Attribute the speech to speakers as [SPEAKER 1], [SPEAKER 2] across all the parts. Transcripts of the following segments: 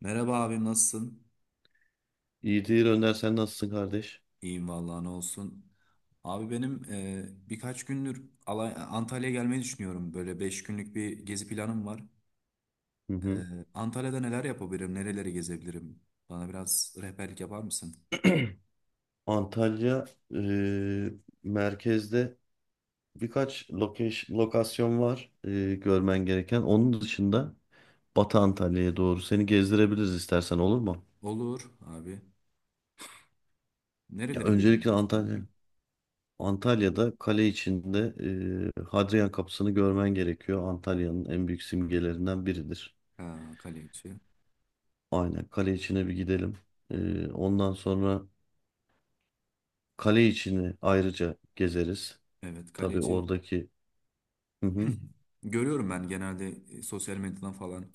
[SPEAKER 1] Merhaba abim, nasılsın?
[SPEAKER 2] İyidir Önder, sen nasılsın kardeş?
[SPEAKER 1] İyiyim vallahi, ne olsun. Abi benim, birkaç gündür Antalya'ya gelmeyi düşünüyorum. Böyle 5 günlük bir gezi planım var.
[SPEAKER 2] Hı
[SPEAKER 1] E,
[SPEAKER 2] hı.
[SPEAKER 1] Antalya'da neler yapabilirim, nereleri gezebilirim? Bana biraz rehberlik yapar mısın?
[SPEAKER 2] Antalya e, merkezde birkaç lokasyon var görmen gereken. Onun dışında Batı Antalya'ya doğru seni gezdirebiliriz istersen, olur mu?
[SPEAKER 1] Olur abi.
[SPEAKER 2] Ya
[SPEAKER 1] Nereleri
[SPEAKER 2] öncelikle
[SPEAKER 1] gezebilirsin,
[SPEAKER 2] Antalya.
[SPEAKER 1] abi?
[SPEAKER 2] Antalya'da kale içinde Hadrian Kapısı'nı görmen gerekiyor. Antalya'nın en büyük simgelerinden biridir.
[SPEAKER 1] Ha, Kaleci.
[SPEAKER 2] Aynen, kale içine bir gidelim. Ondan sonra kale içini ayrıca gezeriz.
[SPEAKER 1] Evet,
[SPEAKER 2] Tabii
[SPEAKER 1] Kaleci.
[SPEAKER 2] oradaki... Hı hı.
[SPEAKER 1] Görüyorum ben, genelde sosyal medyadan falan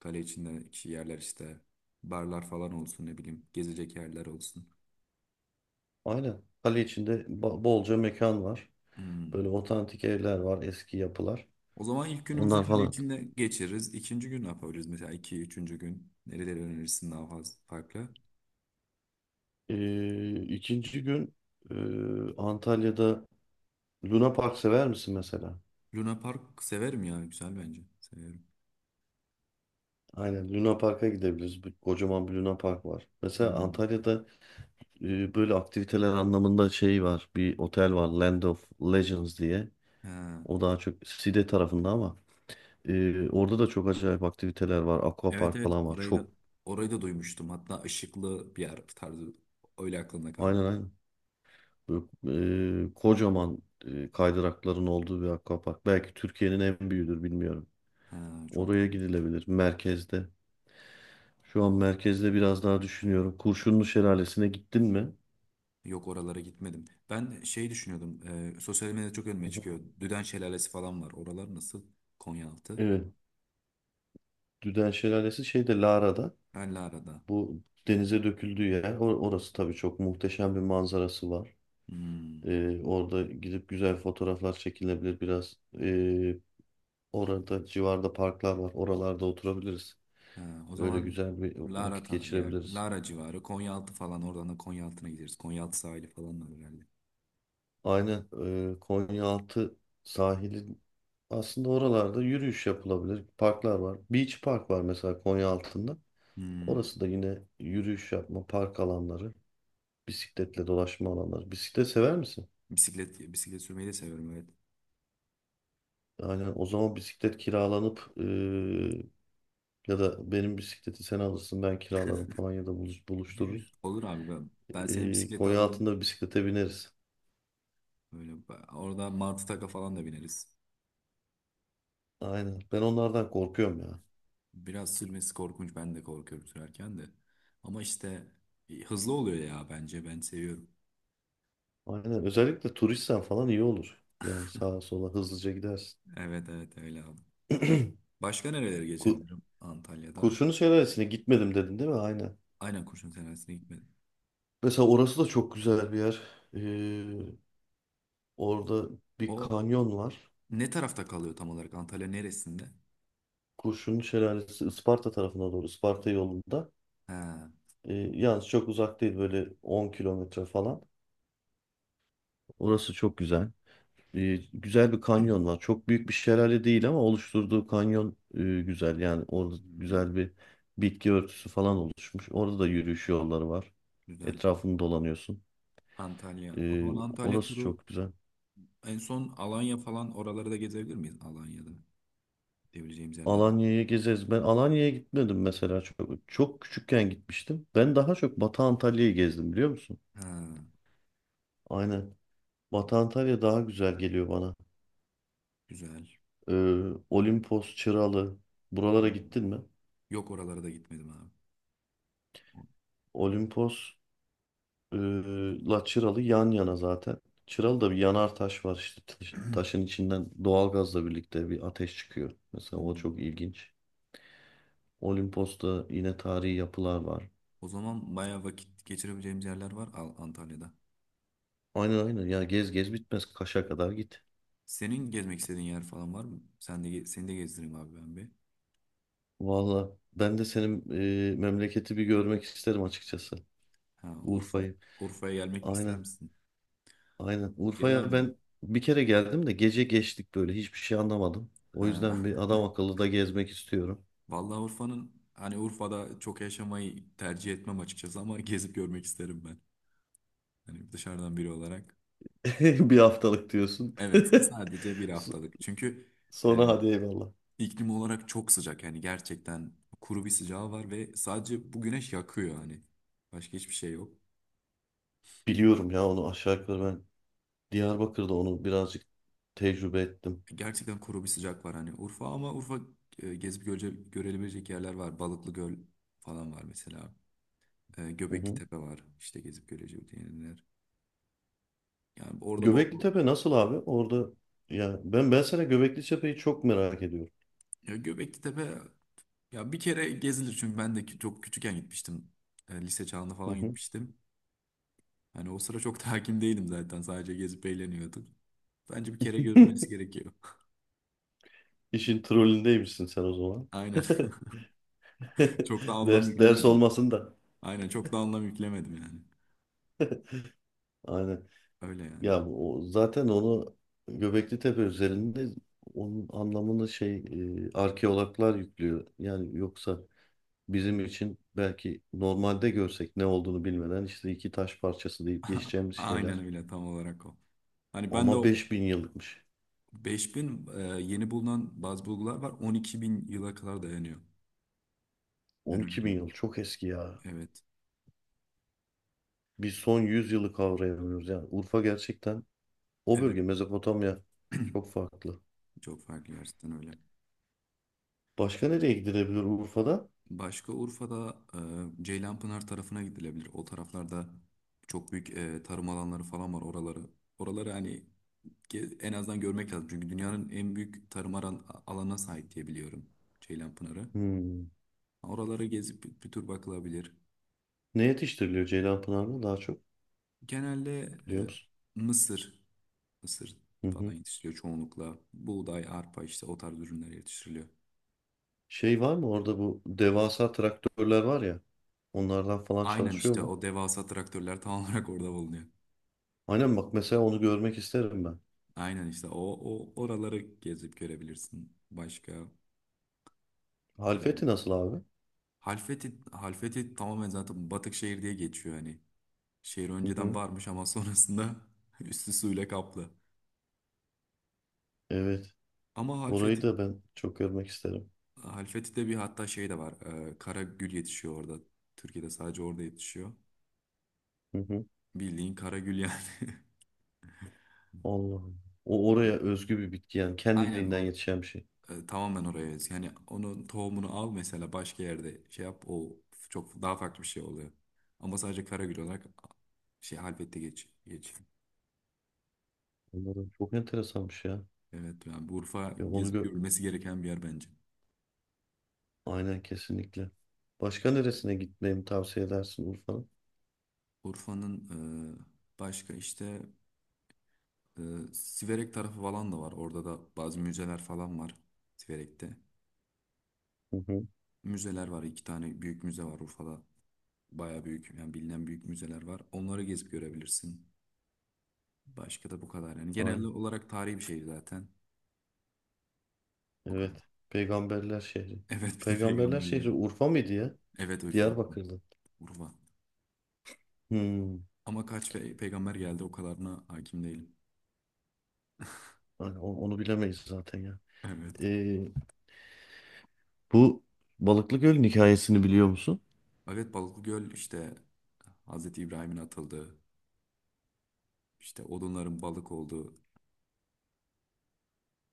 [SPEAKER 1] kale içindeki yerler, işte barlar falan olsun, ne bileyim gezecek yerler olsun.
[SPEAKER 2] Aynen. Kale içinde bolca mekan var.
[SPEAKER 1] Hmm.
[SPEAKER 2] Böyle otantik evler var, eski yapılar.
[SPEAKER 1] O zaman ilk günümüzü
[SPEAKER 2] Onlar
[SPEAKER 1] kale
[SPEAKER 2] falan.
[SPEAKER 1] içinde geçiririz. İkinci gün ne yapabiliriz? Mesela iki, üçüncü gün nereleri önerirsin, daha fazla farklı?
[SPEAKER 2] İkinci gün e, Antalya'da Luna Park sever misin mesela?
[SPEAKER 1] Luna Park severim ya. Güzel bence. Severim.
[SPEAKER 2] Aynen, Luna Park'a gidebiliriz. Kocaman bir Luna Park var. Mesela
[SPEAKER 1] Hmm.
[SPEAKER 2] Antalya'da böyle aktiviteler anlamında şey var. Bir otel var, Land of Legends diye.
[SPEAKER 1] Ha.
[SPEAKER 2] O daha çok Side tarafında ama orada da çok acayip aktiviteler var.
[SPEAKER 1] Evet,
[SPEAKER 2] Aquapark
[SPEAKER 1] evet,
[SPEAKER 2] falan var.
[SPEAKER 1] orayı
[SPEAKER 2] Çok.
[SPEAKER 1] da orayı da duymuştum. Hatta ışıklı bir yer tarzı öyle aklımda kaldı.
[SPEAKER 2] Aynen aynen. Böyle, kocaman kaydırakların olduğu bir akvapark. Belki Türkiye'nin en büyüğüdür, bilmiyorum.
[SPEAKER 1] Ha, çok
[SPEAKER 2] Oraya
[SPEAKER 1] güzel.
[SPEAKER 2] gidilebilir merkezde. Şu an merkezde biraz daha düşünüyorum. Kurşunlu Şelalesi'ne gittin mi?
[SPEAKER 1] Yok, oralara gitmedim. Ben şey düşünüyordum. Sosyal medyada çok
[SPEAKER 2] Hı
[SPEAKER 1] önüme
[SPEAKER 2] hı.
[SPEAKER 1] çıkıyor. Düden Şelalesi falan var. Oralar nasıl? Konyaaltı.
[SPEAKER 2] Evet. Düden Şelalesi şeyde, Lara'da.
[SPEAKER 1] Belli arada.
[SPEAKER 2] Bu denize döküldüğü yer. Orası tabii çok muhteşem, bir manzarası var.
[SPEAKER 1] Hmm.
[SPEAKER 2] Orada gidip güzel fotoğraflar çekilebilir biraz. Orada civarda parklar var. Oralarda oturabiliriz.
[SPEAKER 1] Ha, o
[SPEAKER 2] Öyle
[SPEAKER 1] zaman
[SPEAKER 2] güzel bir
[SPEAKER 1] Lara
[SPEAKER 2] vakit
[SPEAKER 1] yer,
[SPEAKER 2] geçirebiliriz.
[SPEAKER 1] Lara civarı, Konyaaltı falan, oradan da Konyaaltı'na gideriz. Konyaaltı sahili falan var herhalde.
[SPEAKER 2] Aynen. Konyaaltı sahili, aslında oralarda yürüyüş yapılabilir. Parklar var. Beach Park var mesela Konyaaltı'nda.
[SPEAKER 1] Hmm,
[SPEAKER 2] Orası da yine yürüyüş yapma, park alanları, bisikletle dolaşma alanları. Bisiklet sever misin?
[SPEAKER 1] bisiklet sürmeyi de seviyorum, evet.
[SPEAKER 2] Yani o zaman bisiklet kiralanıp ya da benim bisikleti sen alırsın, ben kiralarım falan, ya da buluştururuz.
[SPEAKER 1] Olur abi, ben seni bisiklete alırım.
[SPEAKER 2] Konyaaltı'nda bisiklete bineriz.
[SPEAKER 1] Böyle orada martı taka falan da bineriz.
[SPEAKER 2] Aynen. Ben onlardan korkuyorum ya.
[SPEAKER 1] Biraz sürmesi korkunç, ben de korkuyorum sürerken de. Ama işte hızlı oluyor ya, bence ben seviyorum.
[SPEAKER 2] Aynen. Özellikle turistsen falan iyi olur. Yani sağa sola hızlıca gidersin.
[SPEAKER 1] Evet, evet, öyle abi. Başka nerelere
[SPEAKER 2] Ku-
[SPEAKER 1] geçebilirim Antalya'da?
[SPEAKER 2] Kurşunlu Şelalesi'ne gitmedim dedin, değil mi? Aynen.
[SPEAKER 1] Aynen, Kurşun Senesi'ne gitmedim.
[SPEAKER 2] Mesela orası da çok güzel bir yer. Ee, Orada bir
[SPEAKER 1] O
[SPEAKER 2] kanyon var.
[SPEAKER 1] ne tarafta kalıyor tam olarak? Antalya neresinde?
[SPEAKER 2] Kurşunlu Şelalesi Isparta tarafına doğru. Isparta yolunda.
[SPEAKER 1] Ha,
[SPEAKER 2] Yalnız çok uzak değil. Böyle 10 kilometre falan. Orası çok güzel. Güzel bir kanyon var. Çok büyük bir şelale değil, ama oluşturduğu kanyon güzel. Yani orada
[SPEAKER 1] hmm,
[SPEAKER 2] güzel bir bitki örtüsü falan oluşmuş. Orada da yürüyüş yolları var.
[SPEAKER 1] güzel.
[SPEAKER 2] Etrafını dolanıyorsun.
[SPEAKER 1] Antalya. O
[SPEAKER 2] Ee,
[SPEAKER 1] zaman Antalya
[SPEAKER 2] Orası
[SPEAKER 1] turu
[SPEAKER 2] çok güzel.
[SPEAKER 1] en son Alanya falan, oraları da gezebilir miyiz? Alanya'da gidebileceğimiz yerler mi?
[SPEAKER 2] Alanya'ya gezeriz. Ben Alanya'ya gitmedim mesela çok. Çok küçükken gitmiştim. Ben daha çok Batı Antalya'yı gezdim, biliyor musun?
[SPEAKER 1] Ha,
[SPEAKER 2] Aynen. Batı Antalya daha güzel geliyor bana.
[SPEAKER 1] güzel.
[SPEAKER 2] Olimpos, Çıralı. Buralara
[SPEAKER 1] Hmm.
[SPEAKER 2] gittin mi?
[SPEAKER 1] Yok, oralara da gitmedim abi. O-
[SPEAKER 2] Olimpos e, la Çıralı yan yana zaten. Çıralı'da bir yanar taş var işte. Taşın içinden doğalgazla birlikte bir ateş çıkıyor. Mesela o çok
[SPEAKER 1] Hmm.
[SPEAKER 2] ilginç. Olimpos'ta yine tarihi yapılar var.
[SPEAKER 1] O zaman bayağı vakit geçirebileceğimiz yerler var Antalya'da.
[SPEAKER 2] Aynen aynen. Ya gez gez bitmez. Kaş'a kadar git.
[SPEAKER 1] Senin gezmek istediğin yer falan var mı? Sen de seni de gezdireyim abi, ben bir.
[SPEAKER 2] Valla ben de senin memleketi bir görmek isterim açıkçası.
[SPEAKER 1] Ha, Urfa.
[SPEAKER 2] Urfa'yı.
[SPEAKER 1] Urfa'ya gelmek ister
[SPEAKER 2] Aynen.
[SPEAKER 1] misin?
[SPEAKER 2] Aynen.
[SPEAKER 1] Gel
[SPEAKER 2] Urfa'ya
[SPEAKER 1] abi.
[SPEAKER 2] ben bir kere geldim de gece geçtik, böyle hiçbir şey anlamadım. O yüzden
[SPEAKER 1] Ha.
[SPEAKER 2] bir adam akıllı da gezmek istiyorum.
[SPEAKER 1] Vallahi Urfa'nın hani Urfa'da çok yaşamayı tercih etmem açıkçası, ama gezip görmek isterim ben. Hani dışarıdan biri olarak.
[SPEAKER 2] Bir haftalık diyorsun.
[SPEAKER 1] Evet, sadece bir
[SPEAKER 2] So-
[SPEAKER 1] haftalık. Çünkü e,
[SPEAKER 2] Sonra hadi eyvallah.
[SPEAKER 1] iklim olarak çok sıcak. Yani gerçekten kuru bir sıcağı var ve sadece bu güneş yakıyor hani. Başka hiçbir şey yok.
[SPEAKER 2] Biliyorum ya, onu aşağı yukarı ben Diyarbakır'da onu birazcık tecrübe ettim.
[SPEAKER 1] Gerçekten kuru bir sıcak var hani Urfa, ama Urfa gezip görülebilecek yerler var. Balıklı Göl falan var mesela.
[SPEAKER 2] Hı
[SPEAKER 1] Göbekli
[SPEAKER 2] hı.
[SPEAKER 1] Tepe var. İşte gezip göreceğim yerler. Yani orada bol
[SPEAKER 2] Göbekli Tepe nasıl abi? Orada, ya ben sana Göbekli Tepe'yi çok merak ediyorum.
[SPEAKER 1] ya, Göbekli Tepe. Ya bir kere gezilir, çünkü ben de çok küçükken gitmiştim. Lise çağında
[SPEAKER 2] Hı
[SPEAKER 1] falan
[SPEAKER 2] hı.
[SPEAKER 1] gitmiştim. Hani o sıra çok da hakim değilim zaten. Sadece gezip eğleniyordum. Bence bir kere görülmesi gerekiyor.
[SPEAKER 2] İşin trollündeymişsin sen o zaman.
[SPEAKER 1] Aynen. Çok da anlam
[SPEAKER 2] Ders ders
[SPEAKER 1] yüklemedim.
[SPEAKER 2] olmasın da.
[SPEAKER 1] Aynen, çok da anlam yüklemedim yani.
[SPEAKER 2] Aynen.
[SPEAKER 1] Öyle yani.
[SPEAKER 2] Ya o, zaten onu Göbekli Tepe üzerinde, onun anlamını şey arkeologlar yüklüyor. Yani yoksa bizim için belki normalde görsek, ne olduğunu bilmeden işte iki taş parçası deyip geçeceğimiz
[SPEAKER 1] Aynen,
[SPEAKER 2] şeyler.
[SPEAKER 1] öyle tam olarak o. Hani ben de
[SPEAKER 2] Ama
[SPEAKER 1] o
[SPEAKER 2] 5.000 yıllıkmış.
[SPEAKER 1] 5.000, yeni bulunan bazı bulgular var. 12.000 yıla kadar dayanıyor. Ben öyle
[SPEAKER 2] 12 bin
[SPEAKER 1] duydum.
[SPEAKER 2] yıl çok eski ya.
[SPEAKER 1] Evet.
[SPEAKER 2] Biz son 100 yılı kavrayamıyoruz. Yani Urfa gerçekten, o
[SPEAKER 1] Evet.
[SPEAKER 2] bölge Mezopotamya, çok farklı.
[SPEAKER 1] Çok farklı gerçekten, öyle.
[SPEAKER 2] Başka nereye gidilebilir Urfa'da?
[SPEAKER 1] Başka Urfa'da Ceylanpınar tarafına gidilebilir. O taraflarda çok büyük tarım alanları falan var oraları. Oraları hani en azından görmek lazım. Çünkü dünyanın en büyük tarım alanına sahip diye biliyorum Ceylanpınar'ı.
[SPEAKER 2] Hmm.
[SPEAKER 1] Oraları gezip bir tur bakılabilir.
[SPEAKER 2] Ne yetiştiriliyor Ceylanpınar'da daha çok,
[SPEAKER 1] Genelde e,
[SPEAKER 2] biliyor musun?
[SPEAKER 1] mısır, mısır
[SPEAKER 2] Hı
[SPEAKER 1] falan
[SPEAKER 2] hı.
[SPEAKER 1] yetiştiriliyor çoğunlukla. Buğday, arpa, işte o tarz ürünler yetiştiriliyor.
[SPEAKER 2] Şey var mı orada, bu devasa traktörler var ya, onlardan falan
[SPEAKER 1] Aynen
[SPEAKER 2] çalışıyor
[SPEAKER 1] işte
[SPEAKER 2] mu?
[SPEAKER 1] o devasa traktörler tam olarak orada bulunuyor.
[SPEAKER 2] Aynen, bak mesela onu görmek isterim ben.
[SPEAKER 1] Aynen işte o oraları gezip görebilirsin. Başka kalmadı.
[SPEAKER 2] Halfeti nasıl abi?
[SPEAKER 1] Halfeti tamamen zaten batık şehir diye geçiyor hani. Şehir
[SPEAKER 2] Hı
[SPEAKER 1] önceden
[SPEAKER 2] hı.
[SPEAKER 1] varmış, ama sonrasında üstü suyla kaplı.
[SPEAKER 2] Evet.
[SPEAKER 1] Ama
[SPEAKER 2] Orayı
[SPEAKER 1] Halfeti,
[SPEAKER 2] da ben çok görmek isterim.
[SPEAKER 1] Halfeti'de bir, hatta şey de var. Kara gül yetişiyor orada. Türkiye'de sadece orada yetişiyor.
[SPEAKER 2] Hı hı.
[SPEAKER 1] Bildiğin kara gül yani.
[SPEAKER 2] Allah'ım. O oraya özgü bir bitki yani,
[SPEAKER 1] Aynen,
[SPEAKER 2] kendiliğinden yetişen bir şey.
[SPEAKER 1] tamamen oraya özgü. Yani onun tohumunu al mesela, başka yerde şey yap, o çok daha farklı bir şey oluyor. Ama sadece kara gül olarak. Şey, Halfet'te geç. Geç.
[SPEAKER 2] Onların çok enteresanmış ya.
[SPEAKER 1] Evet yani, bu Urfa
[SPEAKER 2] Ya onu
[SPEAKER 1] gezip
[SPEAKER 2] gö
[SPEAKER 1] görülmesi gereken bir yer bence.
[SPEAKER 2] Aynen, kesinlikle. Başka neresine gitmemi tavsiye edersin Urfa'nın?
[SPEAKER 1] Urfa'nın başka işte e, Siverek tarafı falan da var. Orada da bazı müzeler falan var Siverek'te.
[SPEAKER 2] Hı hı.
[SPEAKER 1] Müzeler var. İki tane büyük müze var Urfa'da. Baya büyük yani, bilinen büyük müzeler var. Onları gezip görebilirsin. Başka da bu kadar yani. Genel
[SPEAKER 2] Aynen.
[SPEAKER 1] olarak tarihi bir şehir zaten. O kadar.
[SPEAKER 2] Evet. Peygamberler şehri.
[SPEAKER 1] Evet, bir de
[SPEAKER 2] Peygamberler
[SPEAKER 1] peygamberler.
[SPEAKER 2] şehri Urfa mıydı ya?
[SPEAKER 1] Evet, Urfa.
[SPEAKER 2] Diyarbakır'da.
[SPEAKER 1] Urfa.
[SPEAKER 2] Hmm.
[SPEAKER 1] Ama kaç peygamber geldi, o kadarına hakim değilim.
[SPEAKER 2] Aynen, onu bilemeyiz zaten ya.
[SPEAKER 1] Evet.
[SPEAKER 2] Ee, Bu Balıklı Göl'ün hikayesini biliyor musun?
[SPEAKER 1] Evet, Balıklıgöl işte Hazreti İbrahim'in atıldığı, işte odunların balık olduğu,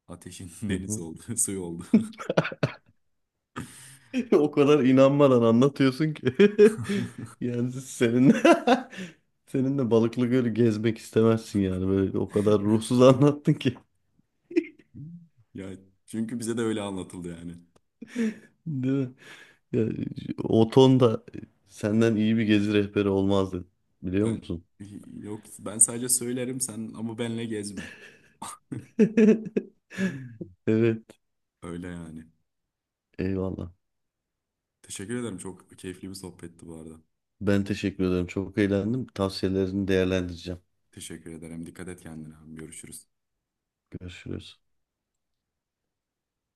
[SPEAKER 1] ateşin
[SPEAKER 2] Hı
[SPEAKER 1] deniz
[SPEAKER 2] hı.
[SPEAKER 1] olduğu, suyu olduğu.
[SPEAKER 2] O kadar inanmadan anlatıyorsun ki. Yani senin seninle Balıklı Göl'ü gezmek istemezsin yani. Böyle o kadar ruhsuz anlattın ki.
[SPEAKER 1] Ya, çünkü bize de öyle anlatıldı yani.
[SPEAKER 2] Değil mi? Yani, o ton da senden iyi bir gezi rehberi olmazdı. Biliyor
[SPEAKER 1] Ben
[SPEAKER 2] musun?
[SPEAKER 1] yok, ben sadece söylerim, sen ama benle gezme.
[SPEAKER 2] Evet.
[SPEAKER 1] Öyle yani.
[SPEAKER 2] Eyvallah.
[SPEAKER 1] Teşekkür ederim. Çok keyifli bir sohbetti bu arada.
[SPEAKER 2] Ben teşekkür ederim. Çok eğlendim. Tavsiyelerini değerlendireceğim.
[SPEAKER 1] Teşekkür ederim. Dikkat et kendine. Görüşürüz.
[SPEAKER 2] Görüşürüz.